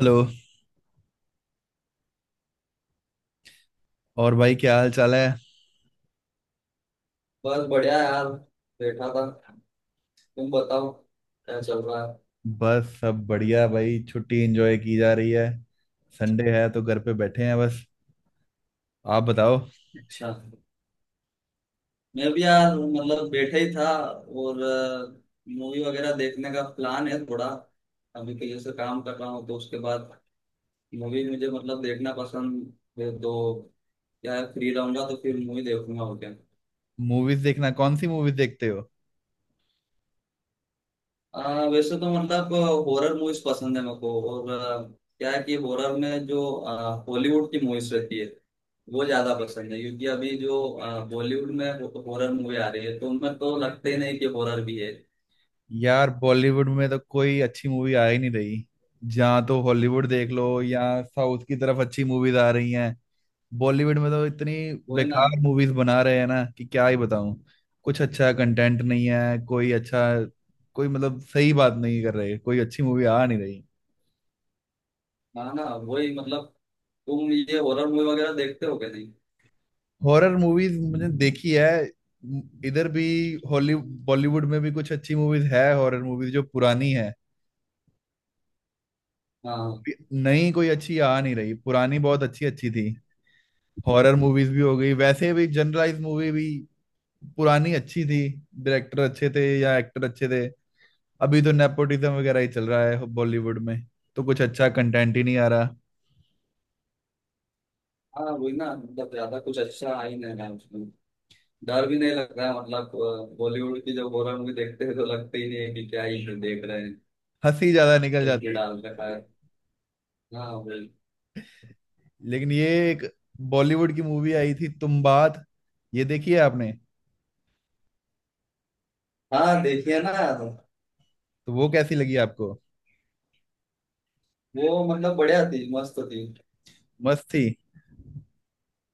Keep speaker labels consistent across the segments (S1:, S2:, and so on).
S1: Hello. और भाई क्या हाल चाल है?
S2: बस बढ़िया यार। बैठा था। तुम बताओ क्या चल रहा है।
S1: बस सब बढ़िया भाई, छुट्टी एंजॉय की जा रही है। संडे है तो घर पे बैठे हैं बस। आप बताओ।
S2: अच्छा। मैं भी यार मतलब बैठा ही था। और मूवी वगैरह देखने का प्लान है थोड़ा। अभी के लिए से काम कर रहा हूँ तो उसके बाद मूवी मुझे मतलब देखना पसंद है तो क्या है, फ्री रहूंगा तो फिर मूवी देखूंगा। ओके।
S1: मूवीज देखना, कौन सी मूवीज देखते हो?
S2: वैसे तो मतलब हॉरर मूवीज पसंद है मेरे को। और क्या है कि हॉरर में जो हॉलीवुड की मूवीज रहती है वो ज्यादा पसंद है, क्योंकि अभी जो बॉलीवुड में हॉरर मूवी आ रही है तो उनमें तो लगते ही नहीं कि हॉरर भी है।
S1: यार बॉलीवुड में तो कोई अच्छी मूवी आ ही नहीं रही। जहाँ तो हॉलीवुड देख लो या साउथ की तरफ अच्छी मूवीज आ रही हैं। बॉलीवुड में तो इतनी
S2: वही ना।
S1: बेकार मूवीज बना रहे हैं ना कि क्या ही बताऊं। कुछ अच्छा कंटेंट नहीं है, कोई अच्छा, कोई मतलब सही बात नहीं कर रहे, कोई अच्छी मूवी आ नहीं रही।
S2: हाँ ना वही मतलब। तुम ये हॉरर मूवी वगैरह देखते हो क्या, नहीं?
S1: हॉरर मूवीज मैंने देखी है। इधर भी हॉली बॉलीवुड में भी कुछ अच्छी मूवीज है, हॉरर मूवीज जो पुरानी है।
S2: हाँ।
S1: नई कोई अच्छी आ नहीं रही, पुरानी बहुत अच्छी अच्छी थी। हॉरर मूवीज भी हो गई, वैसे भी जनरलाइज मूवी भी पुरानी अच्छी थी। डायरेक्टर अच्छे थे या एक्टर अच्छे थे। अभी तो नेपोटिज्म वगैरह ही चल रहा है बॉलीवुड में, तो कुछ अच्छा कंटेंट ही नहीं आ रहा।
S2: हाँ वही ना, मतलब ज्यादा कुछ अच्छा आ ही नहीं रहा है उसमें। डर भी नहीं लग रहा है, मतलब बॉलीवुड की जब हॉरर मूवी देखते हैं तो लगते ही नहीं है कि क्या ही देख रहे हैं।
S1: हंसी ज्यादा निकल
S2: कुछ भी
S1: जाती है।
S2: डाल रखा है। हाँ वही।
S1: लेकिन ये एक बॉलीवुड की मूवी आई थी तुम बात, ये देखी है आपने?
S2: हाँ देखिए ना।
S1: तो वो कैसी लगी आपको?
S2: वो मतलब बढ़िया थी, मस्त थी।
S1: मस्त थी।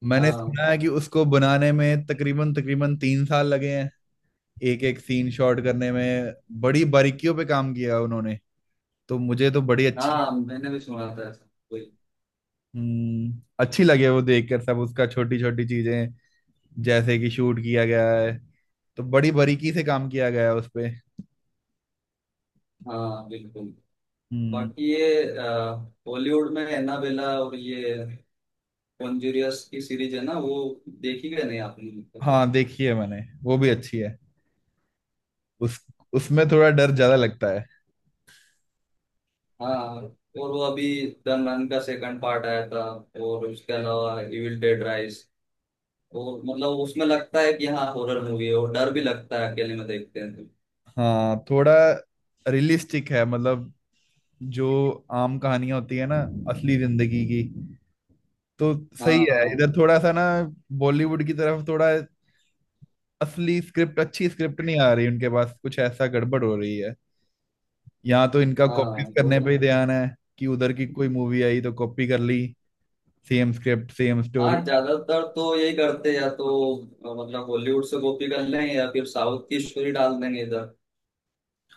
S1: मैंने
S2: हाँ
S1: सुना है कि उसको बनाने में तकरीबन तकरीबन 3 साल लगे हैं। एक एक सीन शॉट करने में बड़ी बारीकियों पे काम किया उन्होंने। तो मुझे तो बड़ी अच्छी
S2: हाँ मैंने भी सुना था ऐसा। वही।
S1: अच्छी लगे वो देखकर सब उसका, छोटी छोटी चीजें जैसे कि शूट किया गया है, तो बड़ी बारीकी से काम किया गया है उस पे।
S2: हाँ बिल्कुल।
S1: हम्म।
S2: बाकी ये बॉलीवुड में एनाबेला और ये कॉन्जुरियस की सीरीज है ना, वो देखी गई नहीं आपने मतलब?
S1: हाँ देखी है मैंने, वो भी अच्छी है। उस उसमें थोड़ा डर ज्यादा लगता है।
S2: हाँ। और वो अभी दन रन का सेकंड पार्ट आया था, और उसके अलावा इविल डेड राइज। और मतलब उसमें लगता है कि हाँ हॉरर मूवी है और डर भी लगता है अकेले में देखते हैं तो।
S1: हाँ थोड़ा रियलिस्टिक है मतलब, जो आम कहानियां होती है ना, असली जिंदगी की। तो सही है
S2: हाँ।
S1: इधर थोड़ा सा ना। बॉलीवुड की तरफ थोड़ा असली स्क्रिप्ट, अच्छी स्क्रिप्ट नहीं आ रही उनके पास, कुछ ऐसा गड़बड़ हो रही है। यहाँ तो इनका
S2: हाँ
S1: कॉपीज
S2: बोल
S1: करने पे
S2: ना।
S1: ही ध्यान है कि उधर की कोई मूवी आई तो कॉपी कर ली। Same script same story.
S2: हाँ ज्यादातर तो यही करते हैं, या तो मतलब बॉलीवुड से कॉपी कर लें या फिर साउथ की स्टोरी डाल देंगे इधर।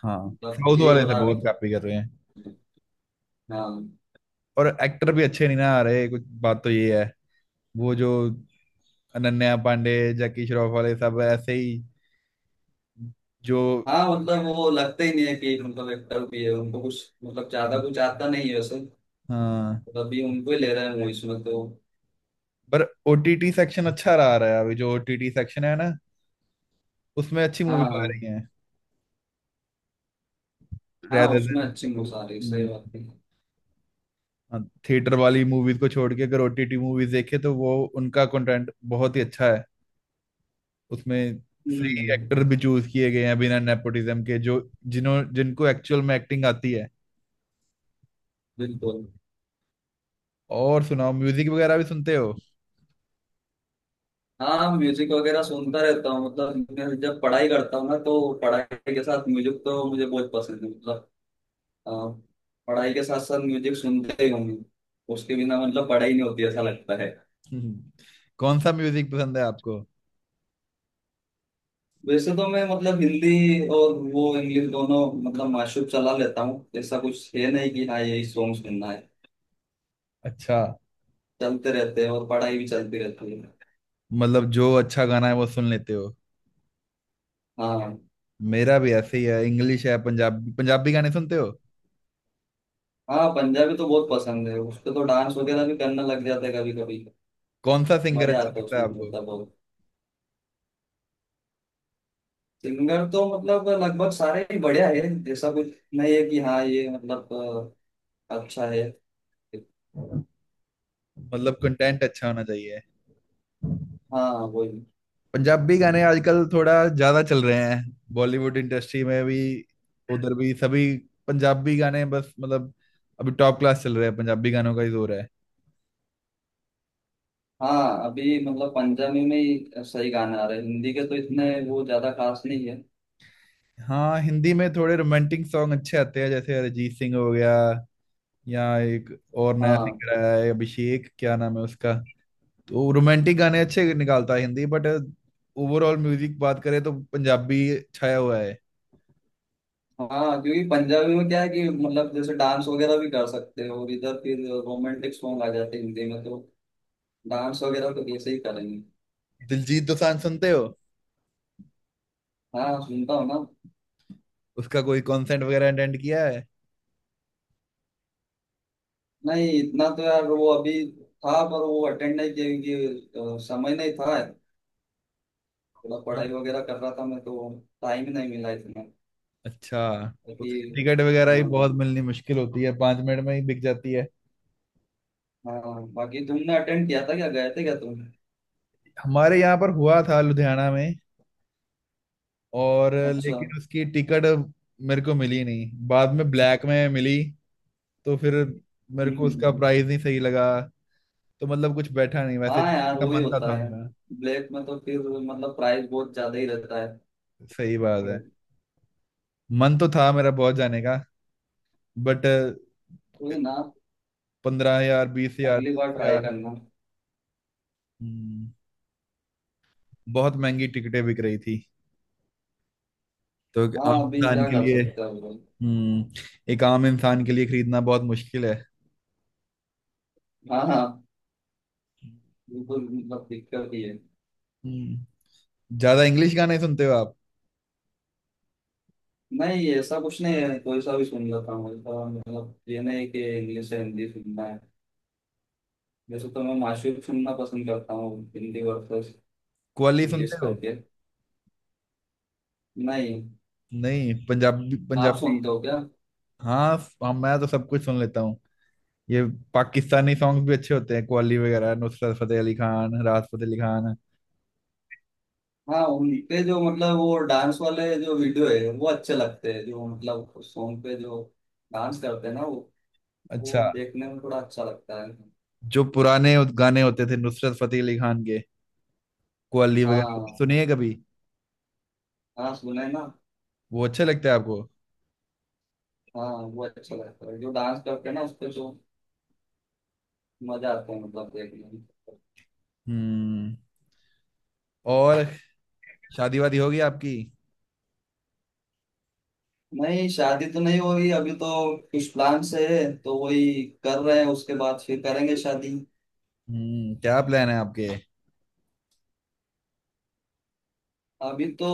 S1: हाँ,
S2: मतलब
S1: साउथ
S2: यही हो
S1: वाले से
S2: रहा है अभी
S1: बहुत कॉपी कर रहे हैं।
S2: तो। हाँ।
S1: और एक्टर भी अच्छे नहीं ना आ रहे, कुछ बात तो ये है। वो जो अनन्या पांडे जैकी श्रॉफ वाले सब ऐसे ही जो।
S2: हाँ मतलब वो लगता ही नहीं है कि मतलब एक्टर भी है, उनको कुछ मतलब ज्यादा कुछ आता नहीं है वैसे।
S1: हाँ,
S2: मतलब अभी उनको ही ले रहे हैं मूवीज में तो।
S1: पर ओटीटी सेक्शन अच्छा रहा रहा है, अभी जो ओटीटी सेक्शन है ना, उसमें अच्छी
S2: हाँ
S1: मूवीज
S2: हाँ।
S1: आ रही हैं।
S2: हाँ
S1: रेदर
S2: उसमें
S1: देन
S2: अच्छी मूवीज आ रही है, सही बात है।
S1: थिएटर वाली मूवीज को छोड़ के अगर ओटीटी मूवीज देखे तो वो, उनका कंटेंट बहुत ही अच्छा है। उसमें सही
S2: हम्म।
S1: एक्टर भी चूज किए गए हैं बिना नेपोटिज्म के, जो जिन्हों जिनको एक्चुअल में एक्टिंग आती है।
S2: बिल्कुल।
S1: और सुनाओ, म्यूजिक वगैरह भी सुनते हो?
S2: हाँ म्यूजिक वगैरह सुनता रहता हूँ, मतलब मैं जब पढ़ाई करता हूँ ना तो पढ़ाई के साथ म्यूजिक तो मुझे बहुत पसंद है। मतलब अ, पढ़ाई के साथ साथ म्यूजिक सुनते ही हूँ मैं। उसके बिना मतलब पढ़ाई नहीं होती ऐसा लगता है।
S1: हम्म, कौन सा म्यूजिक पसंद है आपको?
S2: वैसे तो मैं मतलब हिंदी और वो इंग्लिश दोनों मतलब माशूब चला लेता हूँ। ऐसा कुछ है नहीं कि हाँ यही सॉन्ग सुनना है,
S1: अच्छा,
S2: चलते रहते हैं और पढ़ाई भी चलती रहती है।
S1: मतलब जो अच्छा गाना है वो सुन लेते हो।
S2: हाँ।
S1: मेरा भी ऐसे ही है, इंग्लिश है। पंजाबी, पंजाबी गाने सुनते हो?
S2: हाँ पंजाबी तो बहुत पसंद है, उस पे तो डांस वगैरह भी करने लग जाता है कभी कभी।
S1: कौन सा सिंगर
S2: मजा
S1: अच्छा
S2: आता है
S1: लगता है
S2: उसमें
S1: आपको?
S2: मतलब बहुत। सिंगर तो मतलब लगभग सारे ही बढ़िया है, ऐसा कुछ नहीं है कि हाँ ये मतलब अच्छा है।
S1: मतलब कंटेंट अच्छा होना चाहिए।
S2: हाँ वही।
S1: पंजाबी गाने आजकल थोड़ा ज्यादा चल रहे हैं, बॉलीवुड इंडस्ट्री में भी, उधर भी सभी पंजाबी गाने बस मतलब, अभी टॉप क्लास चल रहे हैं, पंजाबी गानों का ही जोर है।
S2: हाँ अभी मतलब पंजाबी में ही सही गाने आ रहे हैं, हिंदी के तो इतने वो ज्यादा खास नहीं है।
S1: हाँ, हिंदी में थोड़े रोमांटिक सॉन्ग अच्छे आते हैं, जैसे अरिजीत सिंह हो गया, या एक और नया
S2: हाँ।
S1: सिंगर आया है अभिषेक, क्या नाम है उसका। तो रोमांटिक गाने अच्छे निकालता है हिंदी, बट ओवरऑल म्यूजिक बात करें तो पंजाबी छाया हुआ है।
S2: हाँ क्योंकि पंजाबी में क्या है कि मतलब जैसे डांस वगैरह भी कर सकते हो, और इधर फिर रोमांटिक सॉन्ग आ जाते हैं हिंदी में तो डांस वगैरह तो कैसे ही करेंगे।
S1: दिलजीत दोसांझ सुनते हो?
S2: हाँ सुनता हूँ ना।
S1: उसका कोई कॉन्सर्ट वगैरह अटेंड किया है?
S2: नहीं इतना तो यार, वो अभी था पर वो अटेंड नहीं किया क्योंकि समय नहीं था, थोड़ा पढ़ाई
S1: हाँ,
S2: वगैरह कर रहा था मैं तो। टाइम नहीं मिला इतना।
S1: अच्छा।
S2: बाकी।
S1: उसकी टिकट वगैरह ही
S2: हाँ।
S1: बहुत मिलनी मुश्किल होती है, 5 मिनट में ही बिक जाती है।
S2: हाँ, बाकी तुमने अटेंड किया था क्या, गए थे क्या तुम?
S1: हमारे यहाँ पर हुआ था लुधियाना में। और
S2: अच्छा, हम्म।
S1: लेकिन उसकी टिकट मेरे को मिली नहीं, बाद में ब्लैक में मिली, तो फिर मेरे को उसका
S2: हम्म।
S1: प्राइस नहीं सही लगा। तो मतलब कुछ बैठा नहीं, वैसे
S2: हाँ
S1: जाने
S2: यार
S1: का
S2: वही
S1: मन तो
S2: होता
S1: था
S2: है,
S1: मेरा।
S2: ब्लैक में तो फिर मतलब प्राइस बहुत ज्यादा ही रहता
S1: सही बात है।
S2: है।
S1: मन तो था मेरा बहुत जाने का, बट
S2: वही ना।
S1: 15 हजार, 20 हजार,
S2: अगली बार
S1: तीस
S2: ट्राई
S1: हजार
S2: करना।
S1: हम्म, बहुत महंगी टिकटें बिक रही थी, तो एक आम
S2: हाँ अभी
S1: इंसान
S2: क्या
S1: के
S2: कर
S1: लिए
S2: सकते हैं बोल।
S1: एक आम इंसान के लिए खरीदना बहुत मुश्किल है।
S2: हाँ हाँ बिल्कुल, मतलब दिक्कत ही है।
S1: हम्म ज्यादा इंग्लिश गाने सुनते हो आप?
S2: नहीं ऐसा कुछ नहीं है, कोई सा भी सुन लेता हूँ ऐसा। मतलब ये नहीं कि इंग्लिश या हिंदी सुनना है। जैसे तो मैं माशूक सुनना पसंद करता हूँ, हिंदी वर्सेस
S1: कव्वाली
S2: इंग्लिश
S1: सुनते हो?
S2: करके। नहीं।
S1: नहीं पंजाबी
S2: आप
S1: पंजाबी।
S2: सुनते हो क्या?
S1: हाँ, हाँ मैं तो सब कुछ सुन लेता हूँ ये। पाकिस्तानी सॉन्ग्स भी अच्छे होते हैं, कव्वाली वगैरह, नुसरत फतेह अली खान, राहत फतेह अली खान।
S2: हाँ उनके जो मतलब वो डांस वाले जो वीडियो है वो अच्छे लगते हैं, जो मतलब सॉन्ग पे जो डांस करते हैं ना वो
S1: अच्छा,
S2: वो देखने में थोड़ा अच्छा लगता है।
S1: जो पुराने उस गाने होते थे नुसरत फतेह अली खान के, कव्वाली वगैरह
S2: हाँ।
S1: सुनिए कभी,
S2: हाँ सुने ना।
S1: वो अच्छे लगते हैं आपको?
S2: हाँ। वो अच्छा लगता है जो डांस करते हैं ना उस पे जो मजा आता है मतलब देखने में।
S1: हम्म और शादी वादी होगी आपकी?
S2: नहीं शादी तो नहीं हो रही अभी तो, कुछ प्लान से है तो वही कर रहे हैं, उसके बाद फिर करेंगे शादी।
S1: क्या प्लान है आपके?
S2: अभी तो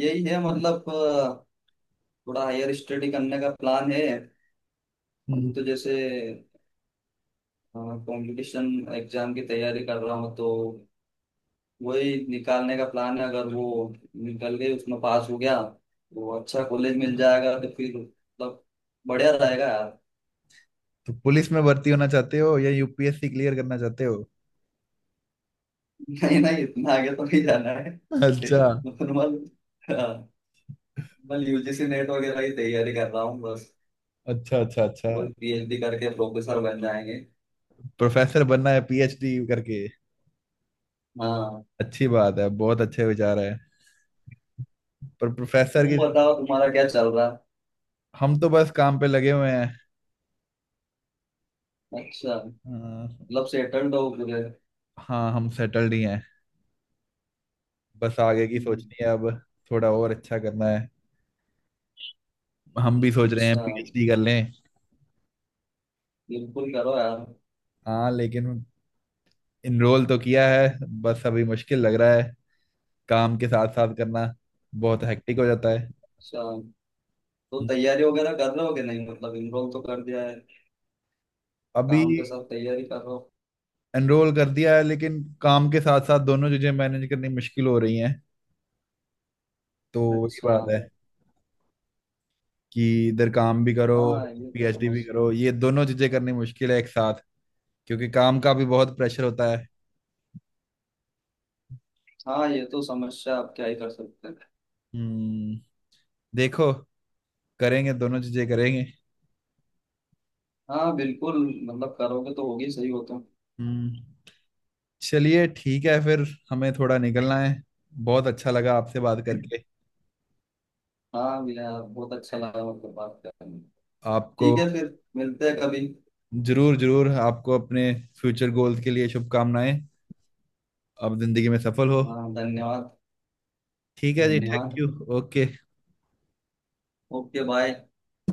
S2: यही है मतलब थोड़ा हायर स्टडी करने का प्लान है। अभी तो जैसे कंपटीशन एग्जाम की तैयारी कर रहा हूँ तो वही निकालने का प्लान है। अगर वो निकल गई, उसमें पास हो गया तो अच्छा कॉलेज मिल जाएगा तो फिर मतलब बढ़िया रहेगा यार।
S1: तो पुलिस में भर्ती होना चाहते हो या यूपीएससी क्लियर करना चाहते हो?
S2: नहीं नहीं इतना आगे तो नहीं जाना है।
S1: अच्छा,
S2: नॉर्मल। नॉर्मल यूजीसी नेट वगैरह की तैयारी कर रहा हूँ बस।
S1: अच्छा, अच्छा, अच्छा।
S2: कोई पीएचडी करके प्रोफेसर बन जाएंगे।
S1: प्रोफेसर बनना है पीएचडी करके?
S2: हाँ।
S1: अच्छी बात है, बहुत अच्छे विचार है। पर प्रोफेसर
S2: तुम
S1: की,
S2: बताओ तुम्हारा क्या चल रहा
S1: हम तो बस काम पे लगे हुए हैं।
S2: है। अच्छा।
S1: अ,
S2: मतलब सेटल्ड हो पूरे?
S1: हाँ, हम सेटल्ड ही हैं। बस आगे की
S2: हम्म,
S1: सोचनी है अब, थोड़ा और अच्छा करना है। हम भी सोच रहे हैं
S2: अच्छा।
S1: पीएचडी कर लें।
S2: बिल्कुल करो यार।
S1: हाँ, लेकिन इनरोल तो किया है बस, अभी मुश्किल लग रहा है काम के साथ साथ करना, बहुत हेक्टिक हो जाता है।
S2: अच्छा, तो तैयारी वगैरह कर रहे हो कि नहीं, मतलब इनरोल तो कर दिया है,
S1: अभी
S2: काम के साथ तैयारी कर रहे हो?
S1: एनरोल कर दिया है, लेकिन काम के साथ साथ दोनों चीजें मैनेज करनी मुश्किल हो रही हैं। तो वही
S2: अच्छा।
S1: बात है कि इधर काम भी करो,
S2: हाँ ये तो
S1: पीएचडी भी
S2: समस्या।
S1: करो, ये दोनों चीजें करनी मुश्किल है एक साथ, क्योंकि काम का भी बहुत प्रेशर होता है।
S2: हाँ ये तो समस्या, आप क्या ही कर सकते हैं।
S1: हम्म देखो, करेंगे, दोनों चीजें करेंगे।
S2: हाँ बिल्कुल, मतलब करोगे तो होगी, सही हो तुम।
S1: हम्म चलिए ठीक है फिर, हमें थोड़ा निकलना है। बहुत अच्छा लगा आपसे बात करके,
S2: हाँ भैया बहुत अच्छा लगा आपको बात करने में।
S1: आपको।
S2: ठीक है फिर मिलते हैं कभी।
S1: जरूर जरूर, आपको अपने फ्यूचर गोल्स के लिए शुभकामनाएं, आप जिंदगी में सफल हो।
S2: हाँ धन्यवाद।
S1: ठीक है जी, थैंक
S2: धन्यवाद।
S1: यू। ओके।
S2: Okay bye.